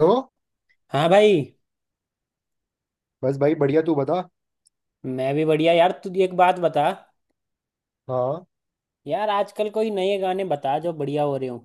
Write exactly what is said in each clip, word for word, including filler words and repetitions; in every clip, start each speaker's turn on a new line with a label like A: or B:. A: हो।
B: हाँ भाई।
A: बस भाई बढ़िया, तू बता।
B: मैं भी बढ़िया यार। तू एक बात बता
A: हाँ,
B: यार, आजकल कोई नए गाने बता जो बढ़िया हो रहे हो।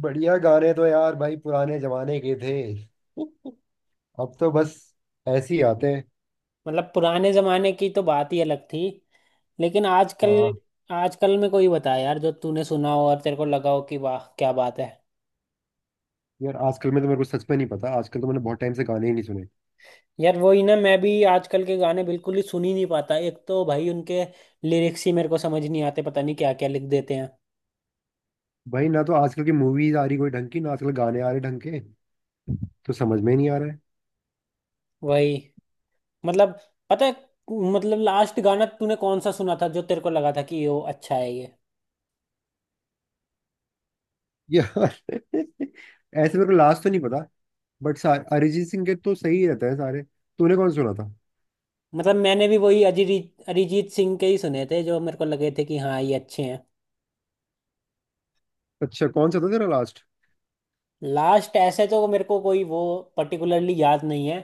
A: बढ़िया गाने तो यार भाई पुराने जमाने के थे। अब तो बस ऐसे ही आते हैं।
B: मतलब पुराने जमाने की तो बात ही अलग थी, लेकिन आजकल,
A: हाँ।
B: आजकल में कोई बता यार जो तूने सुना हो और तेरे को लगा हो कि वाह क्या बात है।
A: यार आजकल में तो मेरे को सच में नहीं पता। आजकल तो मैंने बहुत टाइम से गाने ही नहीं सुने।
B: यार वही ना, मैं भी आजकल के गाने बिल्कुल ही सुन ही नहीं पाता। एक तो भाई उनके लिरिक्स ही मेरे को समझ नहीं आते, पता नहीं क्या क्या लिख देते हैं।
A: भाई ना तो आजकल की मूवीज आ रही कोई ढंग की, ना आजकल गाने आ रहे ढंग के। तो समझ में ही नहीं आ रहा है।
B: वही, मतलब, पता है, मतलब लास्ट गाना तूने कौन सा सुना था जो तेरे को लगा था कि ये वो अच्छा है ये।
A: यार ऐसे मेरे को लास्ट तो नहीं पता। बट अरिजीत सिंह के तो सही रहता है सारे। तूने कौन सुना था?
B: मतलब मैंने भी वही अरिजीत अरिजीत सिंह के ही सुने थे जो मेरे को लगे थे कि हाँ ये अच्छे हैं।
A: अच्छा, कौन सा था तेरा लास्ट?
B: लास्ट ऐसे तो मेरे को कोई वो पर्टिकुलरली याद नहीं है।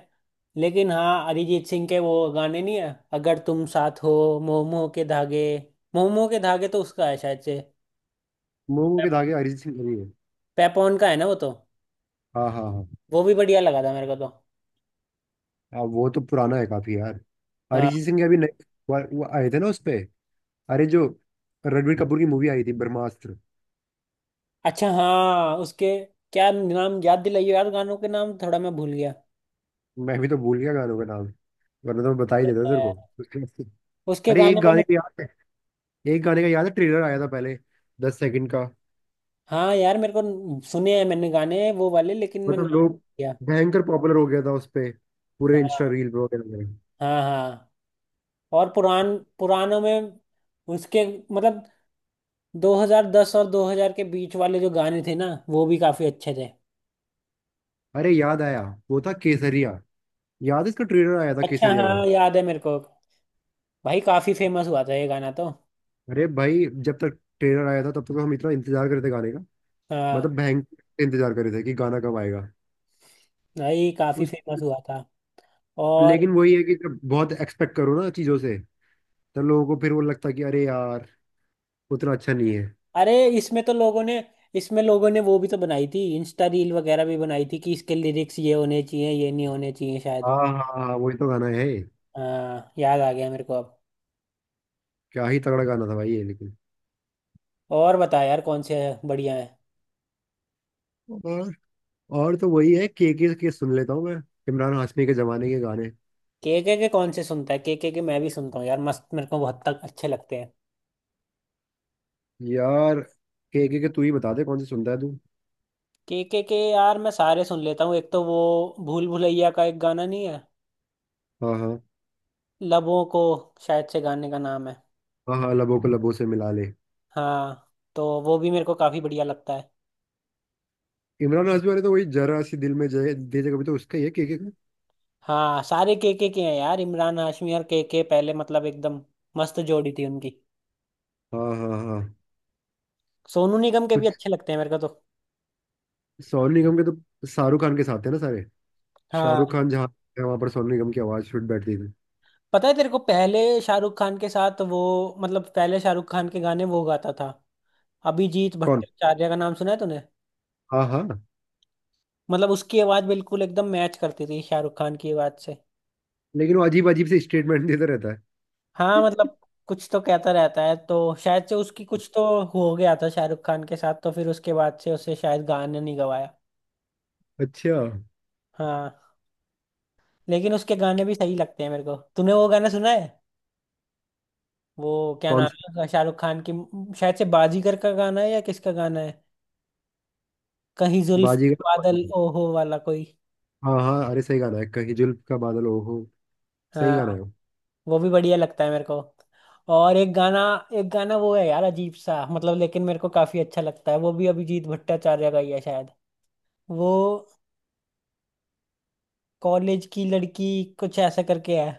B: लेकिन हाँ अरिजीत सिंह के वो गाने नहीं है अगर तुम साथ हो, मोह मोह के धागे मोह मोह के धागे तो उसका है शायद से।
A: मोमो के धागे अरिजीत सिंह का ही है।
B: पेपॉन का है ना वो तो।
A: हाँ हाँ हाँ
B: वो भी बढ़िया लगा था मेरे को तो।
A: हाँ वो तो पुराना है काफी यार।
B: हाँ।
A: अरिजीत सिंह के अभी नए वो वो आए थे ना उस पे। अरे जो रणबीर कपूर की मूवी आई थी, ब्रह्मास्त्र।
B: अच्छा हाँ उसके, क्या नाम, याद दिलाइए यार, गानों के नाम थोड़ा मैं भूल गया।
A: मैं भी तो भूल गया गानों का नाम। वरना तो मैं बता ही देता तेरे को।
B: उसके
A: अरे
B: गाने
A: एक
B: मैंने,
A: गाने का याद है। एक गाने का याद है ट्रेलर आया था पहले। दस सेकंड का।
B: हाँ यार मेरे को सुने हैं मैंने गाने वो वाले, लेकिन मैं
A: मतलब
B: नाम
A: लोग
B: किया।
A: भयंकर पॉपुलर हो गया था उस पे। पूरे इंस्टा
B: हाँ
A: रील पे वगैरह में।
B: हाँ हाँ। और पुरान पुरानों में उसके, मतलब दो हज़ार दस और दो हज़ार के बीच वाले जो गाने थे ना वो भी काफी अच्छे थे।
A: अरे याद आया, वो था केसरिया। याद है इसका ट्रेलर आया था,
B: अच्छा
A: केसरिया का।
B: हाँ याद है मेरे को। भाई काफी फेमस हुआ था ये गाना तो।
A: अरे भाई जब तक ट्रेलर आया था तब तक हम इतना इंतजार करते गाने।
B: हाँ
A: मतलब भयंकर इंतजार कर रहे थे कि गाना कब आएगा।
B: भाई काफी
A: उस
B: फेमस हुआ था। और
A: लेकिन वही है कि जब बहुत एक्सपेक्ट करो ना चीज़ों से, तब लोगों को फिर वो लगता है कि अरे यार, उतना अच्छा नहीं है।
B: अरे, इसमें तो लोगों ने इसमें लोगों ने वो भी तो बनाई थी, इंस्टा रील वगैरह भी बनाई थी कि इसके लिरिक्स ये होने चाहिए ये नहीं होने चाहिए शायद।
A: हाँ हाँ हाँ हाँ, वही तो गाना है।
B: हाँ याद आ गया मेरे को अब।
A: क्या ही तगड़ा गाना था भाई ये, लेकिन।
B: और बता यार कौन से बढ़िया है।
A: और और तो वही है, केके के सुन लेता हूँ मैं। इमरान हाशमी के जमाने के गाने।
B: केके के के कौन से सुनता है? केके के के मैं भी सुनता हूँ यार, मस्त मेरे को बहुत तक अच्छे लगते हैं।
A: यार केके के तू ही बता दे कौन से सुनता है तू।
B: केके के के यार मैं सारे सुन लेता हूँ। एक तो वो भूल भुलैया का एक गाना नहीं है
A: हाँ हाँ
B: लबों को, शायद से गाने का नाम है।
A: हाँ हाँ लबों को लबों से मिला ले।
B: हाँ तो वो भी मेरे को काफी बढ़िया लगता है।
A: इमरान हाशमी वाले तो वही जरा सी दिल में जय दे जगह, भी तो उसका ही है, केके का।
B: हाँ सारे केके के के हैं यार। इमरान हाशमी और केके पहले, मतलब एकदम मस्त जोड़ी थी उनकी।
A: हाँ हाँ हाँ
B: सोनू निगम के भी
A: कुछ
B: अच्छे लगते हैं मेरे को तो।
A: सोनू निगम के तो शाहरुख खान के साथ है ना सारे।
B: हाँ
A: शाहरुख खान जहाँ है वहां पर सोनू निगम की आवाज फिट बैठती थी।
B: पता है तेरे को पहले शाहरुख खान के साथ वो, मतलब पहले शाहरुख खान के गाने वो गाता था। अभिजीत
A: कौन?
B: भट्टाचार्य का नाम सुना है तूने?
A: हाँ, हाँ।
B: मतलब उसकी आवाज बिल्कुल एकदम मैच करती थी शाहरुख खान की आवाज से।
A: लेकिन वो अजीब अजीब से स्टेटमेंट देता रहता है।
B: हाँ मतलब कुछ तो कहता रहता है, तो शायद से उसकी कुछ तो हो गया था शाहरुख खान के साथ, तो फिर उसके बाद से उसे शायद गाने नहीं गवाया।
A: अच्छा।
B: हाँ। लेकिन उसके गाने भी सही लगते हैं मेरे को। तूने वो गाना सुना है, वो क्या
A: कौन
B: नाम
A: सा?
B: है उसका? शाहरुख खान की, शायद से बाजीगर का गाना है या किसका गाना है, कहीं जुल्फ
A: बाजीगर?
B: बादल ओहो वाला कोई।
A: हाँ हाँ, अरे सही गाना है कहीं जुल्फ का बादल, ओ हो। सही
B: हाँ।
A: गाना है वो।
B: वो भी बढ़िया लगता है मेरे को। और एक गाना, एक गाना वो है यार अजीब सा, मतलब लेकिन मेरे को काफी अच्छा लगता है, वो भी अभिजीत भट्टाचार्य का ही है शायद। वो कॉलेज की लड़की कुछ ऐसा करके है।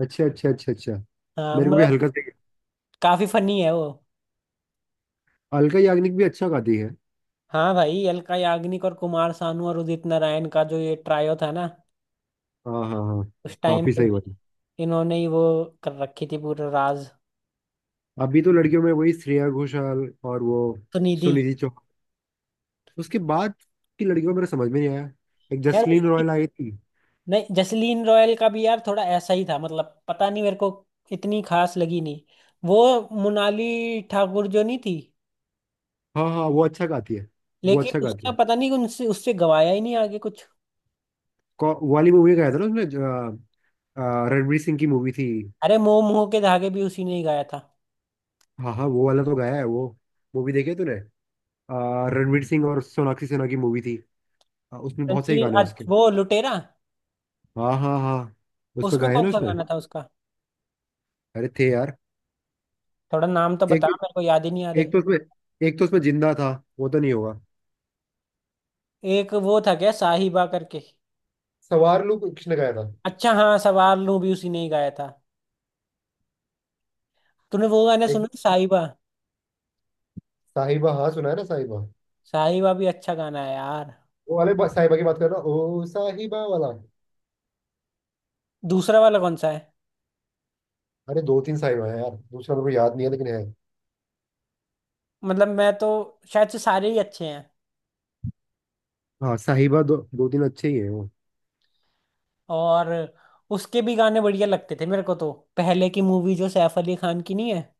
A: अच्छा अच्छा अच्छा अच्छा
B: हाँ
A: मेरे को भी
B: मतलब
A: हल्का सही।
B: काफी फनी है वो।
A: अलका याग्निक भी अच्छा गाती है।
B: हाँ भाई अलका याग्निक और कुमार सानू और उदित नारायण का जो ये ट्रायो था ना
A: हाँ हाँ हाँ
B: उस टाइम
A: काफी
B: पे,
A: सही बात है।
B: इन्होंने ही वो कर रखी थी पूरा राज।
A: अभी तो लड़कियों में वही श्रेया घोषाल और वो
B: सुनिधि।
A: सुनिधि चौहान। उसके बाद की लड़कियों को मेरा समझ में नहीं आया। एक
B: यार
A: जसलीन रॉयल आई थी।
B: नहीं, जसलीन रॉयल का भी यार थोड़ा ऐसा ही था, मतलब पता नहीं मेरे को इतनी खास लगी नहीं। वो मोनाली ठाकुर जो नहीं थी,
A: हाँ हाँ, वो अच्छा गाती है। वो
B: लेकिन
A: अच्छा गाती
B: उसका
A: है।
B: पता नहीं, उनसे उससे गवाया ही नहीं आगे कुछ।
A: कौ- वो वाली मूवी गाया था ना उसने, अ, अ, रणवीर सिंह की मूवी थी।
B: अरे मोह मोह के धागे भी उसी ने ही गाया था।
A: हाँ हाँ, वो वाला तो गाया है वो। मूवी देखी है तूने? अ, रणवीर सिंह और सोनाक्षी सिन्हा की मूवी थी। अ, उसमें बहुत सही
B: रणवीर
A: गाने हैं उसके।
B: अच- वो लुटेरा।
A: हाँ हाँ हाँ उसमें
B: उसमें
A: गाए हैं
B: कौन
A: ना
B: सा
A: उसने।
B: गाना था उसका?
A: अरे थे यार।
B: थोड़ा नाम तो
A: एक
B: बता, मेरे को याद ही नहीं आ रहे।
A: एक तो उसमें एक तो उसमें जिंदा था। वो तो नहीं होगा।
B: एक वो था क्या साहिबा करके।
A: सवार लू किसने गाया था?
B: अच्छा हाँ सवार लूं भी उसी ने ही गाया था। तूने वो गाना
A: एक
B: सुना साहिबा?
A: साहिबा, हाँ सुना है ना, साहिबा।
B: साहिबा भी अच्छा गाना है यार।
A: वो वाले बा- साहिबा की बात कर रहा, ओ साहिबा वाला?
B: दूसरा वाला कौन सा है?
A: अरे दो तीन साहिबा है यार, दूसरा मेरे को याद नहीं है लेकिन है।
B: मतलब मैं तो, शायद से सारे ही अच्छे हैं।
A: हाँ साहिबा दो दो तीन अच्छे ही है।
B: और उसके भी गाने बढ़िया लगते थे मेरे को तो, पहले की मूवी जो सैफ अली खान की नहीं है,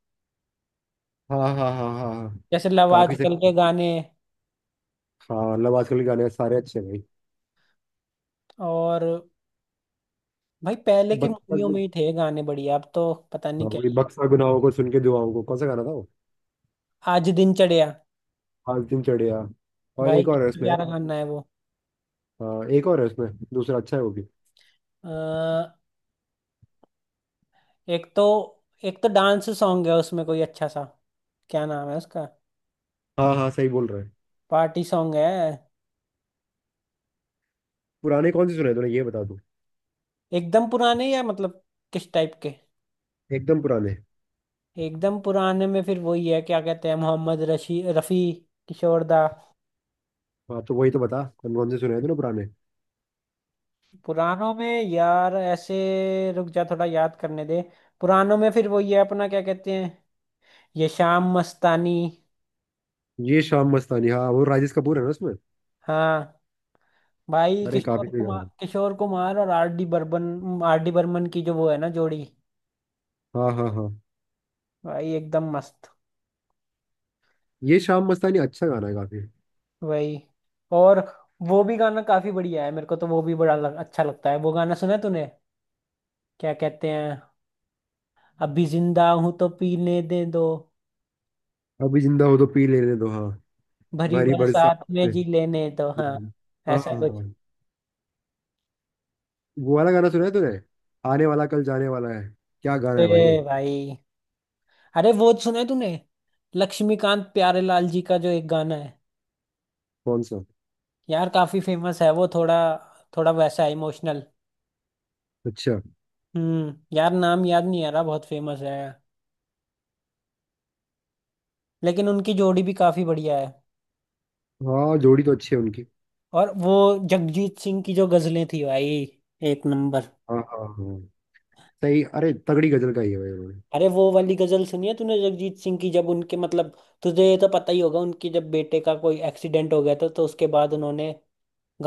A: हाँ हाँ हाँ हाँ हाँ
B: जैसे लव
A: काफी
B: आजकल
A: सही।
B: के गाने।
A: हाँ मतलब आजकल के गाने सारे अच्छे हैं भाई।
B: और भाई पहले की
A: बक्सा
B: मूवियों
A: गु-
B: में ही थे गाने बढ़िया, अब तो पता नहीं
A: हाँ,
B: क्या।
A: वही बक्सा गुनाहों को सुन के दुआओं को, कौन सा गाना था वो?
B: आज दिन चढ़िया।
A: आज दिन चढ़िया। और
B: भाई
A: एक और है
B: कितना
A: उसमें
B: प्यारा
A: यार।
B: गाना है वो।
A: हाँ एक और है उसमें। दूसरा अच्छा है वो भी।
B: अ, एक तो एक तो डांस सॉन्ग है उसमें कोई अच्छा सा। क्या नाम है उसका?
A: हाँ हाँ सही बोल रहा है।
B: पार्टी सॉन्ग है।
A: पुराने कौन से सुने तूने, ये बता दो।
B: एकदम पुराने या मतलब किस टाइप के?
A: एकदम पुराने।
B: एकदम पुराने में फिर वही है, क्या कहते हैं, मोहम्मद रशी रफ़ी, किशोर दा।
A: हाँ तो वही तो बता, कौन कौन से सुने हैं तूने पुराने?
B: पुरानों में यार ऐसे, रुक जा थोड़ा याद करने दे। पुरानों में फिर वही है अपना, क्या कहते हैं, ये शाम मस्तानी।
A: ये शाम मस्तानी, हाँ वो राजेश कपूर है ना उसमें।
B: हाँ भाई
A: अरे काफी
B: किशोर
A: सही गाना
B: कुमार
A: है।
B: किशोर कुमार और आर डी बर्मन आर डी बर्मन की जो वो है ना जोड़ी।
A: हाँ हाँ हाँ
B: भाई एकदम मस्त।
A: ये शाम मस्तानी अच्छा गाना है काफी।
B: वही। और वो भी गाना काफी बढ़िया है मेरे को तो, वो भी बड़ा लग, अच्छा लगता है। वो गाना सुना है तूने? क्या कहते हैं, अभी जिंदा हूं तो पीने दे दो,
A: अभी जिंदा हो तो पी लेने दो, हाँ।
B: भरी
A: भरी बरसात
B: बरसात में
A: पे।
B: जी लेने तो, हाँ,
A: हाँ
B: ऐसा
A: हाँ
B: कुछ।
A: हाँ वो वाला गाना सुना है तूने, आने वाला कल जाने वाला है? क्या गाना
B: ए
A: है भाई वो।
B: भाई, अरे वो सुना है तूने, लक्ष्मीकांत प्यारेलाल जी का जो एक गाना है,
A: कौन सा?
B: यार काफी फेमस है वो, थोड़ा थोड़ा वैसा इमोशनल।
A: अच्छा,
B: हम्म यार नाम याद नहीं आ रहा, बहुत फेमस है। लेकिन उनकी जोड़ी भी काफी बढ़िया है।
A: हाँ जोड़ी तो अच्छी है उनकी।
B: और वो जगजीत सिंह की जो गजलें थी भाई, एक नंबर।
A: हाँ हाँ हाँ सही। अरे तगड़ी गजल का ही है भाई उन्होंने।
B: अरे वो वाली गजल सुनी है तूने जगजीत सिंह की, जब उनके, मतलब, तुझे ये तो पता ही होगा उनके जब बेटे का कोई एक्सीडेंट हो गया था तो उसके बाद उन्होंने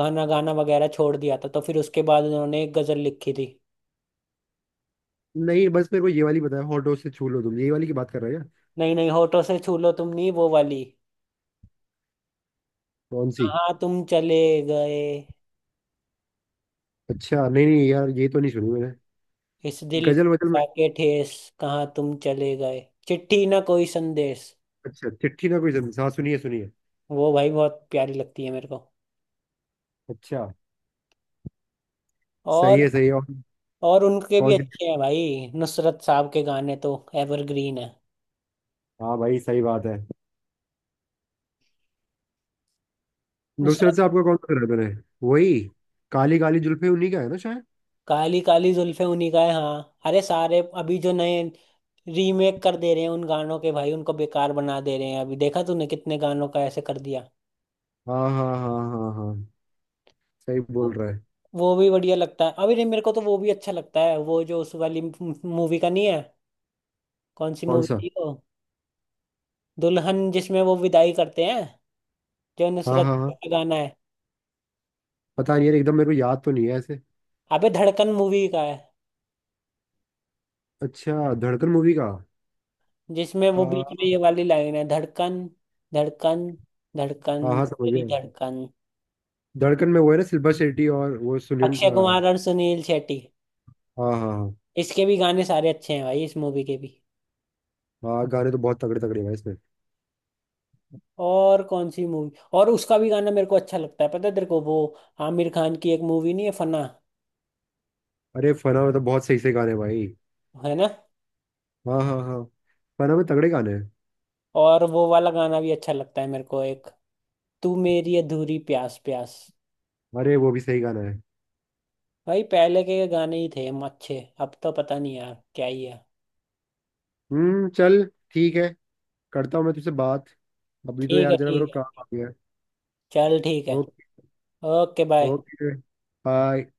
B: गाना गाना वगैरह छोड़ दिया था, तो फिर उसके बाद उन्होंने एक गजल लिखी थी।
A: नहीं बस मेरे को ये वाली बताया, हॉट डॉग से छू लो तुम, ये वाली की बात कर रहे हो क्या?
B: नहीं नहीं, होठों से छू लो तुम नहीं, वो वाली
A: कौन सी?
B: कहाँ तुम चले गए।
A: अच्छा, नहीं नहीं यार ये तो नहीं सुनी मैंने
B: इस दिल
A: गजल वजल में।
B: के ठेस, कहाँ तुम चले गए, चिट्ठी ना कोई संदेश।
A: अच्छा, चिट्ठी ना कोई जमीन, हाँ सुनिए सुनिए।
B: वो भाई बहुत प्यारी लगती है मेरे को।
A: अच्छा। सही
B: और
A: है, सही है। और
B: और उनके भी
A: कौन सी?
B: अच्छे हैं भाई नुसरत साहब के गाने तो, एवरग्रीन है।
A: हाँ भाई सही बात है। नुसरत
B: नुसरत,
A: से आपका कौन सा मैंने? वही काली काली जुल्फे उन्हीं का है ना शायद।
B: काली काली जुल्फे उन्हीं का है हाँ। अरे सारे अभी जो नए रीमेक कर दे रहे हैं उन गानों के भाई, उनको बेकार बना दे रहे हैं, अभी देखा तूने कितने गानों का ऐसे कर दिया।
A: हाँ हाँ हाँ हाँ हाँ सही
B: वो
A: बोल रहा है।
B: वो भी बढ़िया लगता है अभी नहीं मेरे को तो, वो भी अच्छा लगता है, वो जो उस वाली मूवी का नहीं है। कौन सी
A: कौन
B: मूवी
A: सा?
B: थी वो? दुल्हन जिसमें वो विदाई करते हैं, जो
A: हाँ
B: नुसरत
A: हाँ हाँ
B: का गाना है।
A: पता नहीं यार एकदम मेरे को याद तो नहीं है ऐसे।
B: अबे धड़कन मूवी का है,
A: अच्छा, धड़कन मूवी का।
B: जिसमें वो
A: आ,
B: बीच में ये वाली लाइन है, धड़कन, धड़कन,
A: हाँ
B: धड़कन
A: हाँ, समझ
B: तेरी
A: गया।
B: धड़कन।
A: धड़कन में वो है ना सिल्वर शेट्टी और वो सुनील,
B: अक्षय
A: आ,
B: कुमार और सुनील शेट्टी।
A: हाँ हाँ हाँ
B: इसके भी गाने सारे अच्छे हैं भाई, इस मूवी के भी।
A: हाँ, गाने तो बहुत तगड़े तगड़े हैं भाई इसमें।
B: और कौन सी मूवी? और उसका भी गाना मेरे को अच्छा लगता है, पता है तेरे को वो, आमिर खान की एक मूवी नहीं है फना।
A: अरे फना में तो बहुत सही सही गाने हैं भाई।
B: है ना।
A: हाँ हाँ हाँ फना में तगड़े गाने हैं।
B: और वो वाला गाना भी अच्छा लगता है मेरे को, एक तू मेरी अधूरी प्यास प्यास।
A: अरे वो भी सही गाना है।
B: भाई पहले के गाने ही थे हम अच्छे, अब तो पता नहीं यार क्या ही है।
A: हम्म चल, ठीक है, करता हूँ मैं तुझसे बात। अभी तो
B: ठीक
A: यार
B: है।
A: जरा मेरे
B: ठीक
A: को
B: है,
A: काम आ गया है।
B: चल ठीक है।
A: Okay.
B: Okay bye.
A: Okay, bye.